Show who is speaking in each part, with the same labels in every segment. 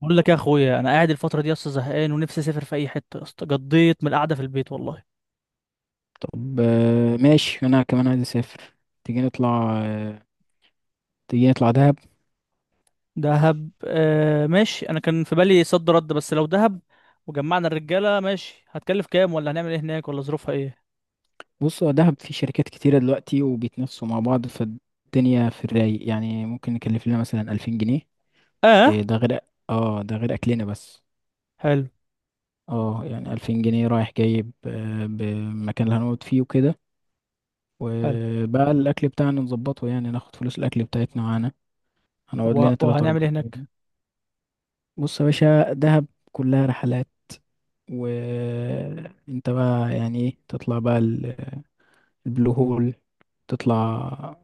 Speaker 1: بقول لك يا اخويا، انا قاعد الفتره دي اصلا زهقان ونفسي اسافر في اي حته يا اسطى. قضيت من القعده في البيت والله.
Speaker 2: طب، ماشي انا كمان عايز اسافر. تيجي نطلع آه، تيجي نطلع دهب.
Speaker 1: دهب آه ماشي، انا كان في بالي صد رد، بس لو دهب وجمعنا الرجاله ماشي، هتكلف كام ولا هنعمل ايه هناك ولا ظروفها ايه؟
Speaker 2: بص، هو دهب في شركات كتيرة دلوقتي وبيتنافسوا مع بعض، فالدنيا في الرايق. يعني ممكن نكلف لنا مثلا 2000 جنيه. إيه
Speaker 1: اه.
Speaker 2: ده غير؟ اه ده غير أكلنا بس.
Speaker 1: حلو
Speaker 2: اه يعني 2000 جنيه رايح جايب، بمكان اللي هنقعد فيه وكده.
Speaker 1: حلو.
Speaker 2: وبقى الأكل بتاعنا نظبطه، يعني ناخد فلوس الأكل بتاعتنا معانا.
Speaker 1: طب
Speaker 2: هنقعد لنا تلات
Speaker 1: وهنعمل
Speaker 2: أربع
Speaker 1: ايه هناك؟
Speaker 2: أيام بص يا باشا، دهب كلها رحلات. وانت بقى يعني ايه، تطلع بقى البلو هول. تطلع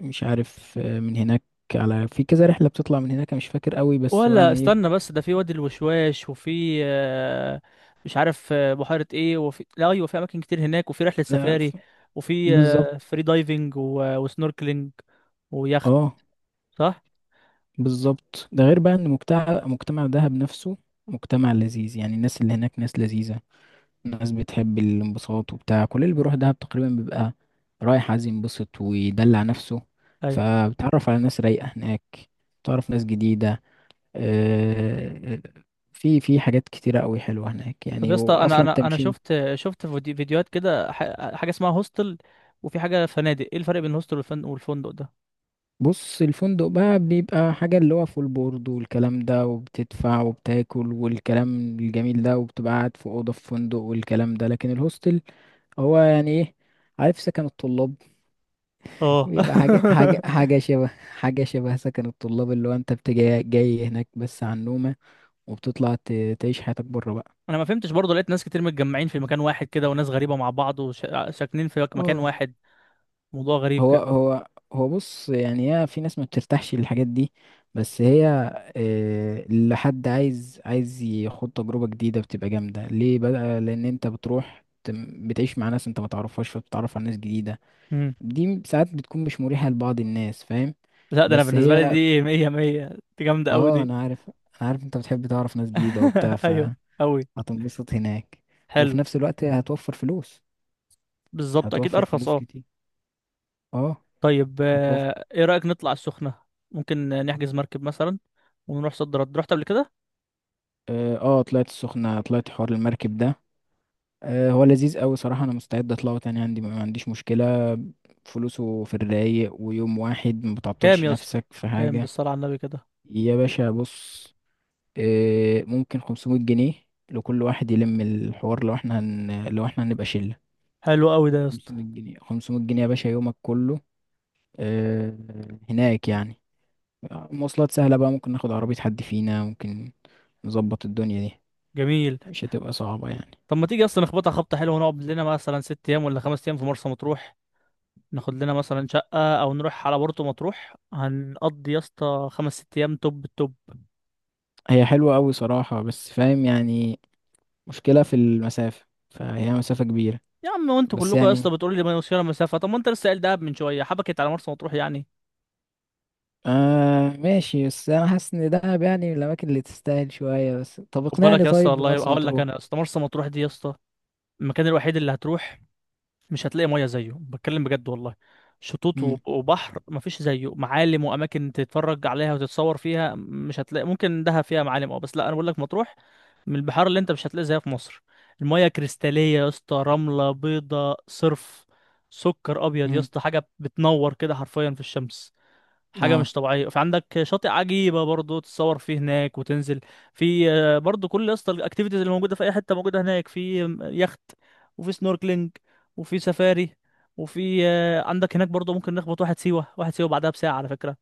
Speaker 2: مش عارف من هناك. على في كذا رحلة بتطلع من هناك، أنا مش فاكر قوي، بس هو
Speaker 1: ولا
Speaker 2: يعني ايه.
Speaker 1: استنى، بس ده في وادي الوشواش، وفي مش عارف بحيره ايه، وفي لا ايوه في اماكن كتير هناك، وفي رحله
Speaker 2: لا
Speaker 1: سفاري،
Speaker 2: ف-
Speaker 1: وفي
Speaker 2: بالظبط.
Speaker 1: فري دايفنج وسنوركلينج، ويخت.
Speaker 2: اه
Speaker 1: صح؟
Speaker 2: بالظبط. ده غير بقى ان مجتمع دهب نفسه مجتمع لذيذ. يعني الناس اللي هناك ناس لذيذة، ناس بتحب الانبساط وبتاع. كل اللي بيروح دهب تقريبا بيبقى رايح عايز ينبسط ويدلع نفسه.
Speaker 1: ايوه.
Speaker 2: فبتعرف على ناس رايقة هناك، بتعرف ناس جديدة. آه، في حاجات كتيرة قوي حلوة هناك
Speaker 1: طب يا
Speaker 2: يعني،
Speaker 1: اسطى انا
Speaker 2: وأصلا تمشي.
Speaker 1: شفت فيديوهات كده، حاجه اسمها هوستل، وفي حاجه فنادق. ايه الفرق بين الهوستل والفندق ده؟
Speaker 2: بص، الفندق بقى بيبقى حاجة، اللي هو فول بورد والكلام ده، وبتدفع وبتاكل والكلام الجميل ده، وبتبقى قاعد في أوضة في فندق والكلام ده. لكن الهوستل هو يعني إيه؟ عارف سكن الطلاب؟
Speaker 1: اه.
Speaker 2: بيبقى حاجة شبه سكن الطلاب، اللي هو أنت بتجي جاي هناك بس على النومة، وبتطلع تعيش حياتك بره بقى.
Speaker 1: انا ما فهمتش برضه، لقيت ناس كتير متجمعين في مكان واحد كده وناس غريبه مع بعض وساكنين في مكان
Speaker 2: اه.
Speaker 1: واحد. موضوع غريب
Speaker 2: هو
Speaker 1: كده.
Speaker 2: هو هو بص، يعني هي في ناس ما بترتاحش للحاجات دي، بس هي، لحد عايز يخوض تجربة جديدة بتبقى جامدة ليه بقى. لأن انت بتروح بتعيش مع ناس انت ما تعرفهاش، فبتتعرف على ناس جديدة.
Speaker 1: امم
Speaker 2: ساعات بتكون مش مريحة لبعض الناس، فاهم.
Speaker 1: لا، ده انا
Speaker 2: بس
Speaker 1: بالنسبه لي
Speaker 2: هي
Speaker 1: دي مية مية، دي جامده قوي
Speaker 2: اه
Speaker 1: دي.
Speaker 2: انا عارف انت بتحب تعرف ناس جديدة وبتاع،
Speaker 1: ايوه قوي.
Speaker 2: فهتنبسط هناك، وفي
Speaker 1: حلو.
Speaker 2: نفس الوقت هتوفر فلوس.
Speaker 1: بالظبط اكيد
Speaker 2: هتوفر
Speaker 1: ارخص،
Speaker 2: فلوس
Speaker 1: اه.
Speaker 2: كتير. اه
Speaker 1: طيب
Speaker 2: هتوفر.
Speaker 1: ايه رايك نطلع السخنه؟ ممكن نحجز مركب مثلا، ونروح صد رد، رحت قبل كده؟
Speaker 2: اه طلعت السخنة، طلعت حوار المركب ده. هو لذيذ قوي صراحة، انا مستعد اطلعه تاني، عندي ما عنديش مشكلة. فلوسه في الرايق، ويوم واحد ما بتعطلش
Speaker 1: كام يا اسطى،
Speaker 2: نفسك في
Speaker 1: كام
Speaker 2: حاجة.
Speaker 1: بالصلاة على النبي كده؟
Speaker 2: يا باشا بص، ممكن 500 جنيه لكل واحد يلم الحوار، لو احنا لو احنا هنبقى شلة.
Speaker 1: حلو قوي ده يا اسطى.
Speaker 2: 500 جنيه، 500 جنيه يا باشا، يومك كله آه، هناك يعني. مواصلات سهلة بقى، ممكن ناخد عربية، حد فينا ممكن نظبط الدنيا دي.
Speaker 1: جميل.
Speaker 2: مش هتبقى صعبة يعني.
Speaker 1: طب ما تيجي اصلا نخبطها خبطة حلوة، ونقعد لنا مثلا 6 ايام ولا 5 ايام في مرسى مطروح؟ ناخد لنا مثلا شقة او نروح على بورتو مطروح، هنقضي يا اسطى 5 6 ايام توب التوب.
Speaker 2: هي حلوة قوي صراحة، بس فاهم يعني، مشكلة في المسافة، فهي مسافة كبيرة.
Speaker 1: يا عم وانتوا
Speaker 2: بس
Speaker 1: كلكم يا اسطى
Speaker 2: يعني
Speaker 1: بتقولوا لي ما يوصلنا مسافة، طب ما انت لسه قايل دهب من شوية، حبكت على مرسى مطروح يعني.
Speaker 2: آه ماشي، بس أنا حاسس إن دهب يعني من الأماكن اللي تستاهل شوية. بس طب
Speaker 1: خد
Speaker 2: اقنعني
Speaker 1: بالك يا اسطى،
Speaker 2: طيب
Speaker 1: والله
Speaker 2: بمرسى
Speaker 1: هقول لك
Speaker 2: مطروح.
Speaker 1: انا يا اسطى، مرسى مطروح دي يا اسطى المكان الوحيد اللي هتروح مش هتلاقي ميه زيه، بتكلم بجد والله. شطوط
Speaker 2: مم.
Speaker 1: وبحر مفيش زيه، معالم واماكن تتفرج عليها وتتصور فيها مش هتلاقي. ممكن دهب فيها معالم اه، بس لا، انا بقول لك مطروح من البحار اللي انت مش هتلاقي زيها في مصر. الميه كريستاليه يا اسطى، رمله بيضه صرف، سكر ابيض يا
Speaker 2: مم.
Speaker 1: اسطى، حاجه بتنور كده حرفيا في الشمس، حاجة
Speaker 2: اه.
Speaker 1: مش طبيعية. فعندك شاطئ عجيبة برضو تتصور فيه هناك وتنزل. في برضو كل اسطى الاكتيفيتيز اللي موجودة في أي حتة موجودة هناك. في يخت، وفي سنوركلينج، وفي سفاري، وفي عندك هناك برضو ممكن نخبط واحد سيوة واحد سيوة بعدها بساعة على فكرة.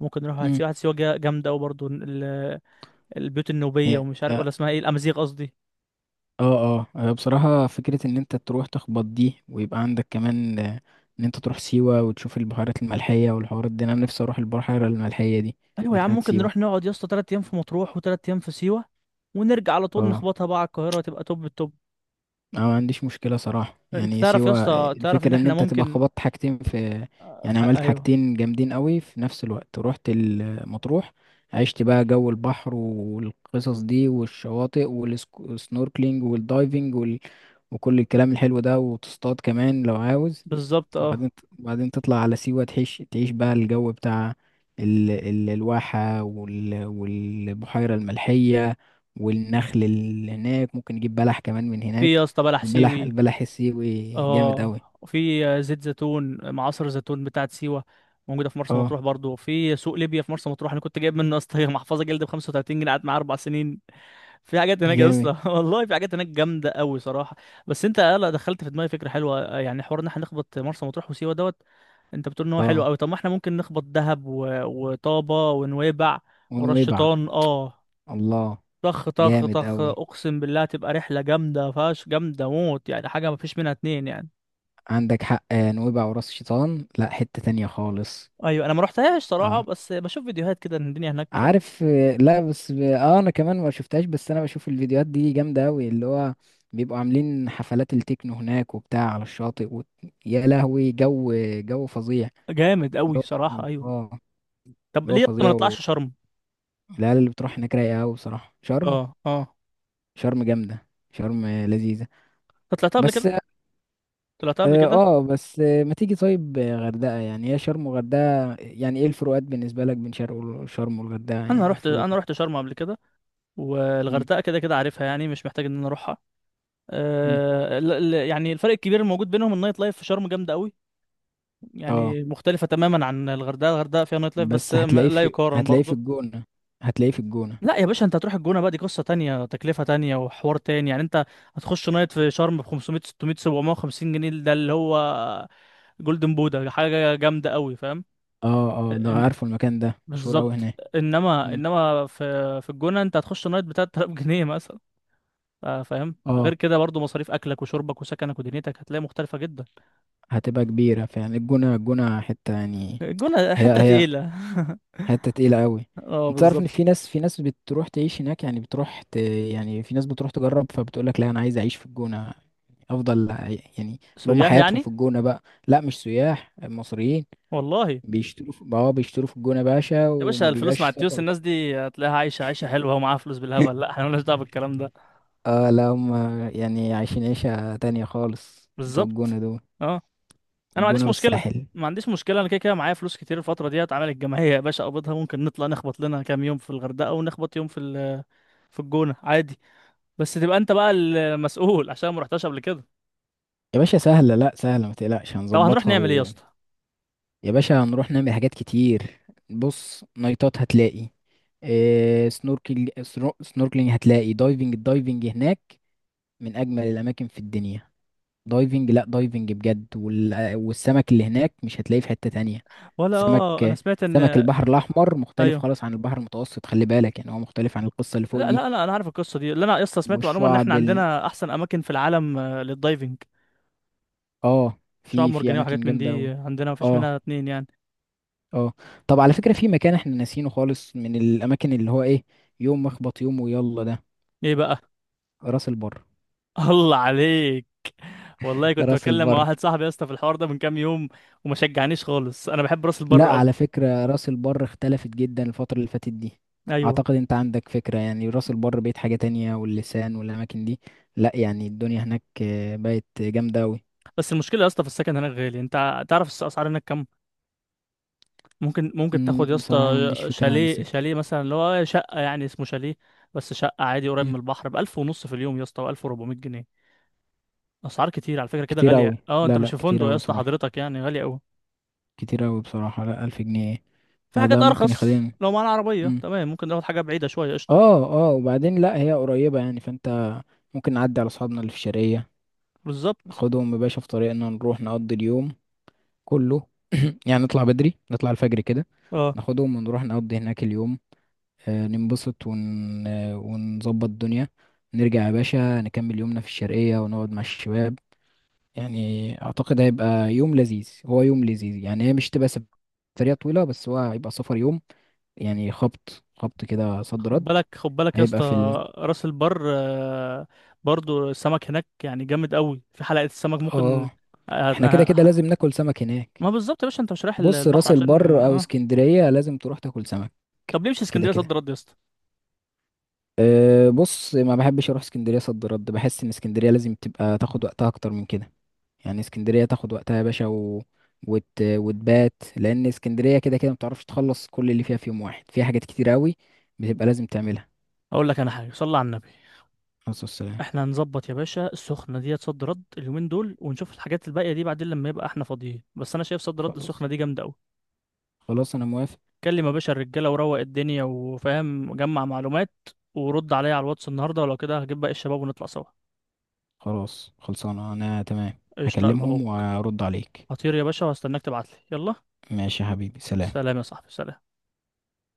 Speaker 1: ممكن نروح واحد
Speaker 2: مم.
Speaker 1: سيوة واحد سيوة جامدة، وبرضو البيوت النوبية،
Speaker 2: هي
Speaker 1: ومش عارف
Speaker 2: هي-
Speaker 1: ولا اسمها ايه، الأمازيغ قصدي.
Speaker 2: اه اه بصراحة فكرة إن أنت تروح تخبط دي، ويبقى عندك كمان إن أنت تروح سيوة وتشوف البحيرات الملحية والحوارات دي. أنا نفسي أروح البحيرة الملحية دي
Speaker 1: أيوة يا عم،
Speaker 2: بتاعت
Speaker 1: ممكن نروح
Speaker 2: سيوة.
Speaker 1: نقعد يا اسطى 3 أيام في مطروح وتلات أيام في سيوة، ونرجع على طول
Speaker 2: اه
Speaker 1: نخبطها بقى على القاهرة تبقى توب التوب.
Speaker 2: أنا ما عنديش مشكلة صراحة
Speaker 1: انت
Speaker 2: يعني
Speaker 1: تعرف يا
Speaker 2: سيوة.
Speaker 1: اسطى، تعرف ان
Speaker 2: الفكرة إن
Speaker 1: احنا
Speaker 2: أنت تبقى
Speaker 1: ممكن
Speaker 2: خبطت حاجتين في،
Speaker 1: في
Speaker 2: يعني
Speaker 1: حق،
Speaker 2: عملت
Speaker 1: ايوه
Speaker 2: حاجتين جامدين قوي في نفس الوقت. رحت المطروح عشت بقى جو البحر والقصص دي والشواطئ والسنوركلينج والدايفنج وكل الكلام الحلو ده، وتصطاد كمان لو عاوز.
Speaker 1: بالظبط، اه.
Speaker 2: وبعدين، وبعدين تطلع على سيوة، تعيش بقى الجو بتاع الواحة والبحيرة الملحية والنخل اللي هناك. ممكن نجيب بلح كمان من
Speaker 1: في يا
Speaker 2: هناك.
Speaker 1: اسطى بلح
Speaker 2: البلح
Speaker 1: سيوي،
Speaker 2: البلح السيوي جامد
Speaker 1: اه.
Speaker 2: أوي.
Speaker 1: وفي زيت زيتون، معصر زيتون بتاعت سيوة موجودة في مرسى
Speaker 2: اه
Speaker 1: مطروح برضو، في سوق ليبيا في مرسى مطروح. انا كنت جايب منه يا اسطى محفظة جلد ب 35 جنيه، قعدت معايا 4 سنين. في حاجات هناك يا
Speaker 2: جامد.
Speaker 1: اسطى، والله في حاجات هناك جامدة قوي صراحة. بس انت لا، دخلت في دماغي فكرة حلوة، يعني حوار ان احنا نخبط مرسى مطروح وسيوة دوت. انت بتقول ان هو حلو
Speaker 2: اه
Speaker 1: قوي، طب ما احنا ممكن نخبط دهب وطابة ونويبع ورش
Speaker 2: ونويبع.
Speaker 1: شيطان، اه.
Speaker 2: الله.
Speaker 1: طخ طخ
Speaker 2: جامد
Speaker 1: طخ،
Speaker 2: أوي.
Speaker 1: اقسم بالله تبقى رحله جامده فاش، جامده موت يعني، حاجه ما فيش منها اتنين يعني.
Speaker 2: عندك حق، نويبع وراس شيطان لا حتة تانية خالص.
Speaker 1: ايوه انا ما رحتهاش صراحه،
Speaker 2: اه
Speaker 1: بس بشوف فيديوهات كده ان الدنيا هناك
Speaker 2: عارف. لا بس اه انا كمان ما شفتهاش، بس انا بشوف الفيديوهات دي جامده قوي، اللي هو بيبقوا عاملين حفلات التكنو هناك وبتاع على الشاطئ يا لهوي جو. جو فظيع.
Speaker 1: جامد قوي
Speaker 2: جو
Speaker 1: صراحه،
Speaker 2: فظيع
Speaker 1: ايوه.
Speaker 2: اه.
Speaker 1: طب
Speaker 2: جو
Speaker 1: ليه ما
Speaker 2: فظيع.
Speaker 1: نطلعش شرم؟
Speaker 2: والعيال اللي بتروح هناك رايقه قوي بصراحه. شرم.
Speaker 1: اه اه.
Speaker 2: شرم جامده، شرم لذيذه.
Speaker 1: أنت طلعتها قبل
Speaker 2: بس
Speaker 1: كده؟ طلعتها قبل
Speaker 2: اه
Speaker 1: كده؟
Speaker 2: بس ما تيجي طيب غردقه. يعني هي شرم وغردقه، يعني ايه الفروقات بالنسبه لك بين شرم وشرم والغردقه،
Speaker 1: انا
Speaker 2: يعني
Speaker 1: رحت
Speaker 2: في نظرك؟
Speaker 1: شرم قبل كده،
Speaker 2: مم،
Speaker 1: والغردقه كده كده عارفها يعني، مش محتاج ان انا اروحها.
Speaker 2: مم.
Speaker 1: أه يعني الفرق الكبير الموجود بينهم النايت لايف في شرم جامده قوي،
Speaker 2: اه.
Speaker 1: يعني مختلفه تماما عن الغردقه. الغردقه فيها نايت لايف، بس
Speaker 2: بس هتلاقيه
Speaker 1: لا
Speaker 2: في
Speaker 1: يقارن
Speaker 2: هتلاقيه في
Speaker 1: برضه.
Speaker 2: الجونة. هتلاقيه في الجونة.
Speaker 1: لا يا باشا، انت هتروح الجونة بقى، دي قصة تانية، تكلفة تانية، وحوار تاني يعني. انت هتخش نايت في شرم ب 500 600 750 جنيه، ده اللي هو جولدن بودا، حاجة جامدة قوي، فاهم؟
Speaker 2: اه اه، ده
Speaker 1: ان-
Speaker 2: عارفه، المكان ده مشهور اوي
Speaker 1: بالظبط.
Speaker 2: هناك.
Speaker 1: انما
Speaker 2: مم.
Speaker 1: في الجونة انت هتخش نايت ب 3000 جنيه مثلا، فاهم؟
Speaker 2: اه
Speaker 1: غير كده برضو مصاريف اكلك وشربك وسكنك ودنيتك هتلاقي مختلفة جدا.
Speaker 2: هتبقى كبيرة فعلا. الجونة، الجونة حتة يعني.
Speaker 1: الجونة
Speaker 2: هي
Speaker 1: حتة
Speaker 2: هي
Speaker 1: تقيلة.
Speaker 2: حتة تقيلة اوي.
Speaker 1: اه
Speaker 2: انت تعرف ان
Speaker 1: بالظبط.
Speaker 2: في ناس بتروح تعيش هناك، يعني بتروح يعني في ناس بتروح تجرب، فبتقولك لا انا عايز اعيش في الجونة، افضل يعني اللي هم
Speaker 1: سياح
Speaker 2: حياتهم
Speaker 1: يعني.
Speaker 2: في الجونة بقى. لا مش سياح، مصريين.
Speaker 1: والله
Speaker 2: اه بيشتروا في الجونة باشا
Speaker 1: يا
Speaker 2: وما
Speaker 1: باشا الفلوس
Speaker 2: بيبقاش
Speaker 1: مع التيوس
Speaker 2: سفر.
Speaker 1: الناس دي هتلاقيها عايشة عيشة حلوة ومعاها فلوس بالهبل، لا احنا مالناش دعوة بالكلام ده.
Speaker 2: اه لا هم يعني عايشين عيشة تانية خالص بتوع الجونة
Speaker 1: بالظبط،
Speaker 2: دول.
Speaker 1: اه. انا ما
Speaker 2: الجونة
Speaker 1: عنديش مشكله،
Speaker 2: والساحل.
Speaker 1: ما عنديش مشكله، انا كده كده معايا فلوس كتير الفتره دي، هتعمل الجمعيه يا باشا اقبضها، ممكن نطلع نخبط لنا كام يوم في الغردقه ونخبط يوم في في الجونه عادي، بس تبقى انت بقى المسؤول عشان ما رحتش قبل كده.
Speaker 2: يا باشا سهلة، لا سهلة ما تقلقش
Speaker 1: طب هنروح
Speaker 2: هنظبطها
Speaker 1: نعمل ايه يا اسطى؟
Speaker 2: يا باشا هنروح نعمل حاجات كتير. بص، نايتات هتلاقي، إيه، سنوركل، سنوركلينج هتلاقي، دايفنج. الدايفنج هناك من أجمل الأماكن في الدنيا. دايفنج، لا دايفنج بجد. والسمك اللي هناك مش هتلاقيه في حتة تانية.
Speaker 1: ولا
Speaker 2: سمك،
Speaker 1: انا سمعت
Speaker 2: سمك
Speaker 1: ان،
Speaker 2: البحر الأحمر مختلف
Speaker 1: ايوه.
Speaker 2: خالص عن البحر المتوسط، خلي بالك. يعني هو مختلف عن القصة اللي فوق
Speaker 1: لا
Speaker 2: دي.
Speaker 1: لا لا انا عارف القصه دي، اللي انا يا اسطى سمعت معلومه ان احنا
Speaker 2: والشعب
Speaker 1: عندنا احسن اماكن في العالم للدايفنج،
Speaker 2: اه،
Speaker 1: شعاب
Speaker 2: في
Speaker 1: مرجانيه
Speaker 2: اماكن
Speaker 1: وحاجات من
Speaker 2: جامده قوي.
Speaker 1: دي، عندنا مفيش
Speaker 2: اه
Speaker 1: منها اتنين يعني.
Speaker 2: اه. طب على فكره، في مكان احنا ناسينه خالص من الاماكن، اللي هو ايه، يوم مخبط يوم، ويلا ده،
Speaker 1: ايه بقى؟
Speaker 2: راس البر.
Speaker 1: الله عليك، والله كنت
Speaker 2: راس
Speaker 1: بتكلم مع
Speaker 2: البر،
Speaker 1: واحد صاحبي يا اسطى في الحوار ده من كام يوم، وما شجعنيش خالص، انا بحب راس
Speaker 2: لا
Speaker 1: البر قوي،
Speaker 2: على فكره راس البر اختلفت جدا الفتره اللي فاتت دي.
Speaker 1: ايوه.
Speaker 2: اعتقد انت عندك فكره، يعني راس البر بقت حاجه تانية واللسان والاماكن دي. لا يعني الدنيا هناك بقت جامده قوي.
Speaker 1: بس المشكله يا اسطى في السكن هناك غالي، انت تعرف الاسعار هناك كام؟ ممكن تاخد يا اسطى
Speaker 2: بصراحه ما عنديش فكره عن
Speaker 1: شاليه،
Speaker 2: السكن.
Speaker 1: شاليه مثلا اللي هو شقه يعني اسمه شاليه، بس شقه عادي قريب
Speaker 2: مم،
Speaker 1: من البحر ب 1000 ونص في اليوم يا اسطى، و1400 جنيه. اسعار كتير على فكره كده
Speaker 2: كتير
Speaker 1: غاليه،
Speaker 2: قوي،
Speaker 1: اه انت
Speaker 2: لا
Speaker 1: مش
Speaker 2: لا
Speaker 1: في
Speaker 2: كتير
Speaker 1: فندق يا
Speaker 2: قوي
Speaker 1: اسطى
Speaker 2: صراحه.
Speaker 1: حضرتك يعني، غاليه قوي.
Speaker 2: كتير أوي بصراحة. لا 1000 جنيه إيه؟
Speaker 1: في
Speaker 2: لا
Speaker 1: حاجات
Speaker 2: ده ممكن
Speaker 1: ارخص
Speaker 2: يخليني.
Speaker 1: لو معانا عربيه
Speaker 2: مم.
Speaker 1: تمام، ممكن ناخد حاجه بعيده شويه، قشطه.
Speaker 2: اه اه، وبعدين لا هي قريبة يعني، فانت ممكن نعدي على أصحابنا اللي في الشرقية.
Speaker 1: بالظبط،
Speaker 2: ناخدهم يا باشا في طريقنا، نروح نقضي اليوم كله. يعني نطلع بدري، نطلع الفجر كده،
Speaker 1: اه.
Speaker 2: ناخدهم ونروح نقضي هناك اليوم. آه ننبسط ون... آه، ونظبط الدنيا. نرجع يا باشا نكمل يومنا في الشرقية، ونقعد مع الشباب. يعني أعتقد هيبقى يوم لذيذ، هو يوم لذيذ، يعني هي مش تبقى سفرية طويلة، بس هو هيبقى سفر يوم. يعني خبط كده صد
Speaker 1: خد
Speaker 2: رد.
Speaker 1: بالك خد بالك يا
Speaker 2: هيبقى
Speaker 1: اسطى،
Speaker 2: في
Speaker 1: راس البر برضو السمك هناك يعني جامد قوي، في حلقة السمك
Speaker 2: اه
Speaker 1: ممكن. آه، آه،
Speaker 2: احنا كده كده
Speaker 1: آه،
Speaker 2: لازم ناكل سمك هناك.
Speaker 1: ما بالظبط يا باشا، انت مش رايح
Speaker 2: بص
Speaker 1: البحر
Speaker 2: راس
Speaker 1: عشان.
Speaker 2: البر او اسكندرية لازم تروح تاكل سمك.
Speaker 1: طب ليه مش
Speaker 2: كده
Speaker 1: اسكندرية صد
Speaker 2: كده.
Speaker 1: رد يا اسطى؟
Speaker 2: أه بص، ما بحبش اروح اسكندرية صد رد، بحس ان اسكندرية لازم تبقى تاخد وقتها اكتر من كده. يعني اسكندرية تاخد وقتها يا باشا وتبات. لان اسكندرية كده كده ما بتعرفش تخلص كل اللي فيها في يوم واحد، فيها حاجات كتير قوي بتبقى لازم تعملها.
Speaker 1: اقول لك انا حاجة، صلي على النبي،
Speaker 2: خلاص السلام.
Speaker 1: احنا هنظبط يا باشا السخنة ديت صد رد اليومين دول ونشوف الحاجات الباقية دي بعدين لما يبقى احنا فاضيين، بس انا شايف صد رد
Speaker 2: خلاص،
Speaker 1: السخنة دي جامدة قوي.
Speaker 2: خلاص انا موافق.
Speaker 1: كلم يا باشا الرجالة وروق الدنيا وفاهم جمع معلومات، ورد عليا على الواتس النهاردة، ولو كده هجيب باقي الشباب ونطلع سوا.
Speaker 2: خلاص خلصانة، أنا تمام،
Speaker 1: قشطة يا قلب
Speaker 2: هكلمهم
Speaker 1: اخوك،
Speaker 2: وأرد عليك.
Speaker 1: هطير يا باشا وهستناك تبعتلي، يلا
Speaker 2: ماشي يا حبيبي، سلام.
Speaker 1: سلام يا صاحبي، سلام.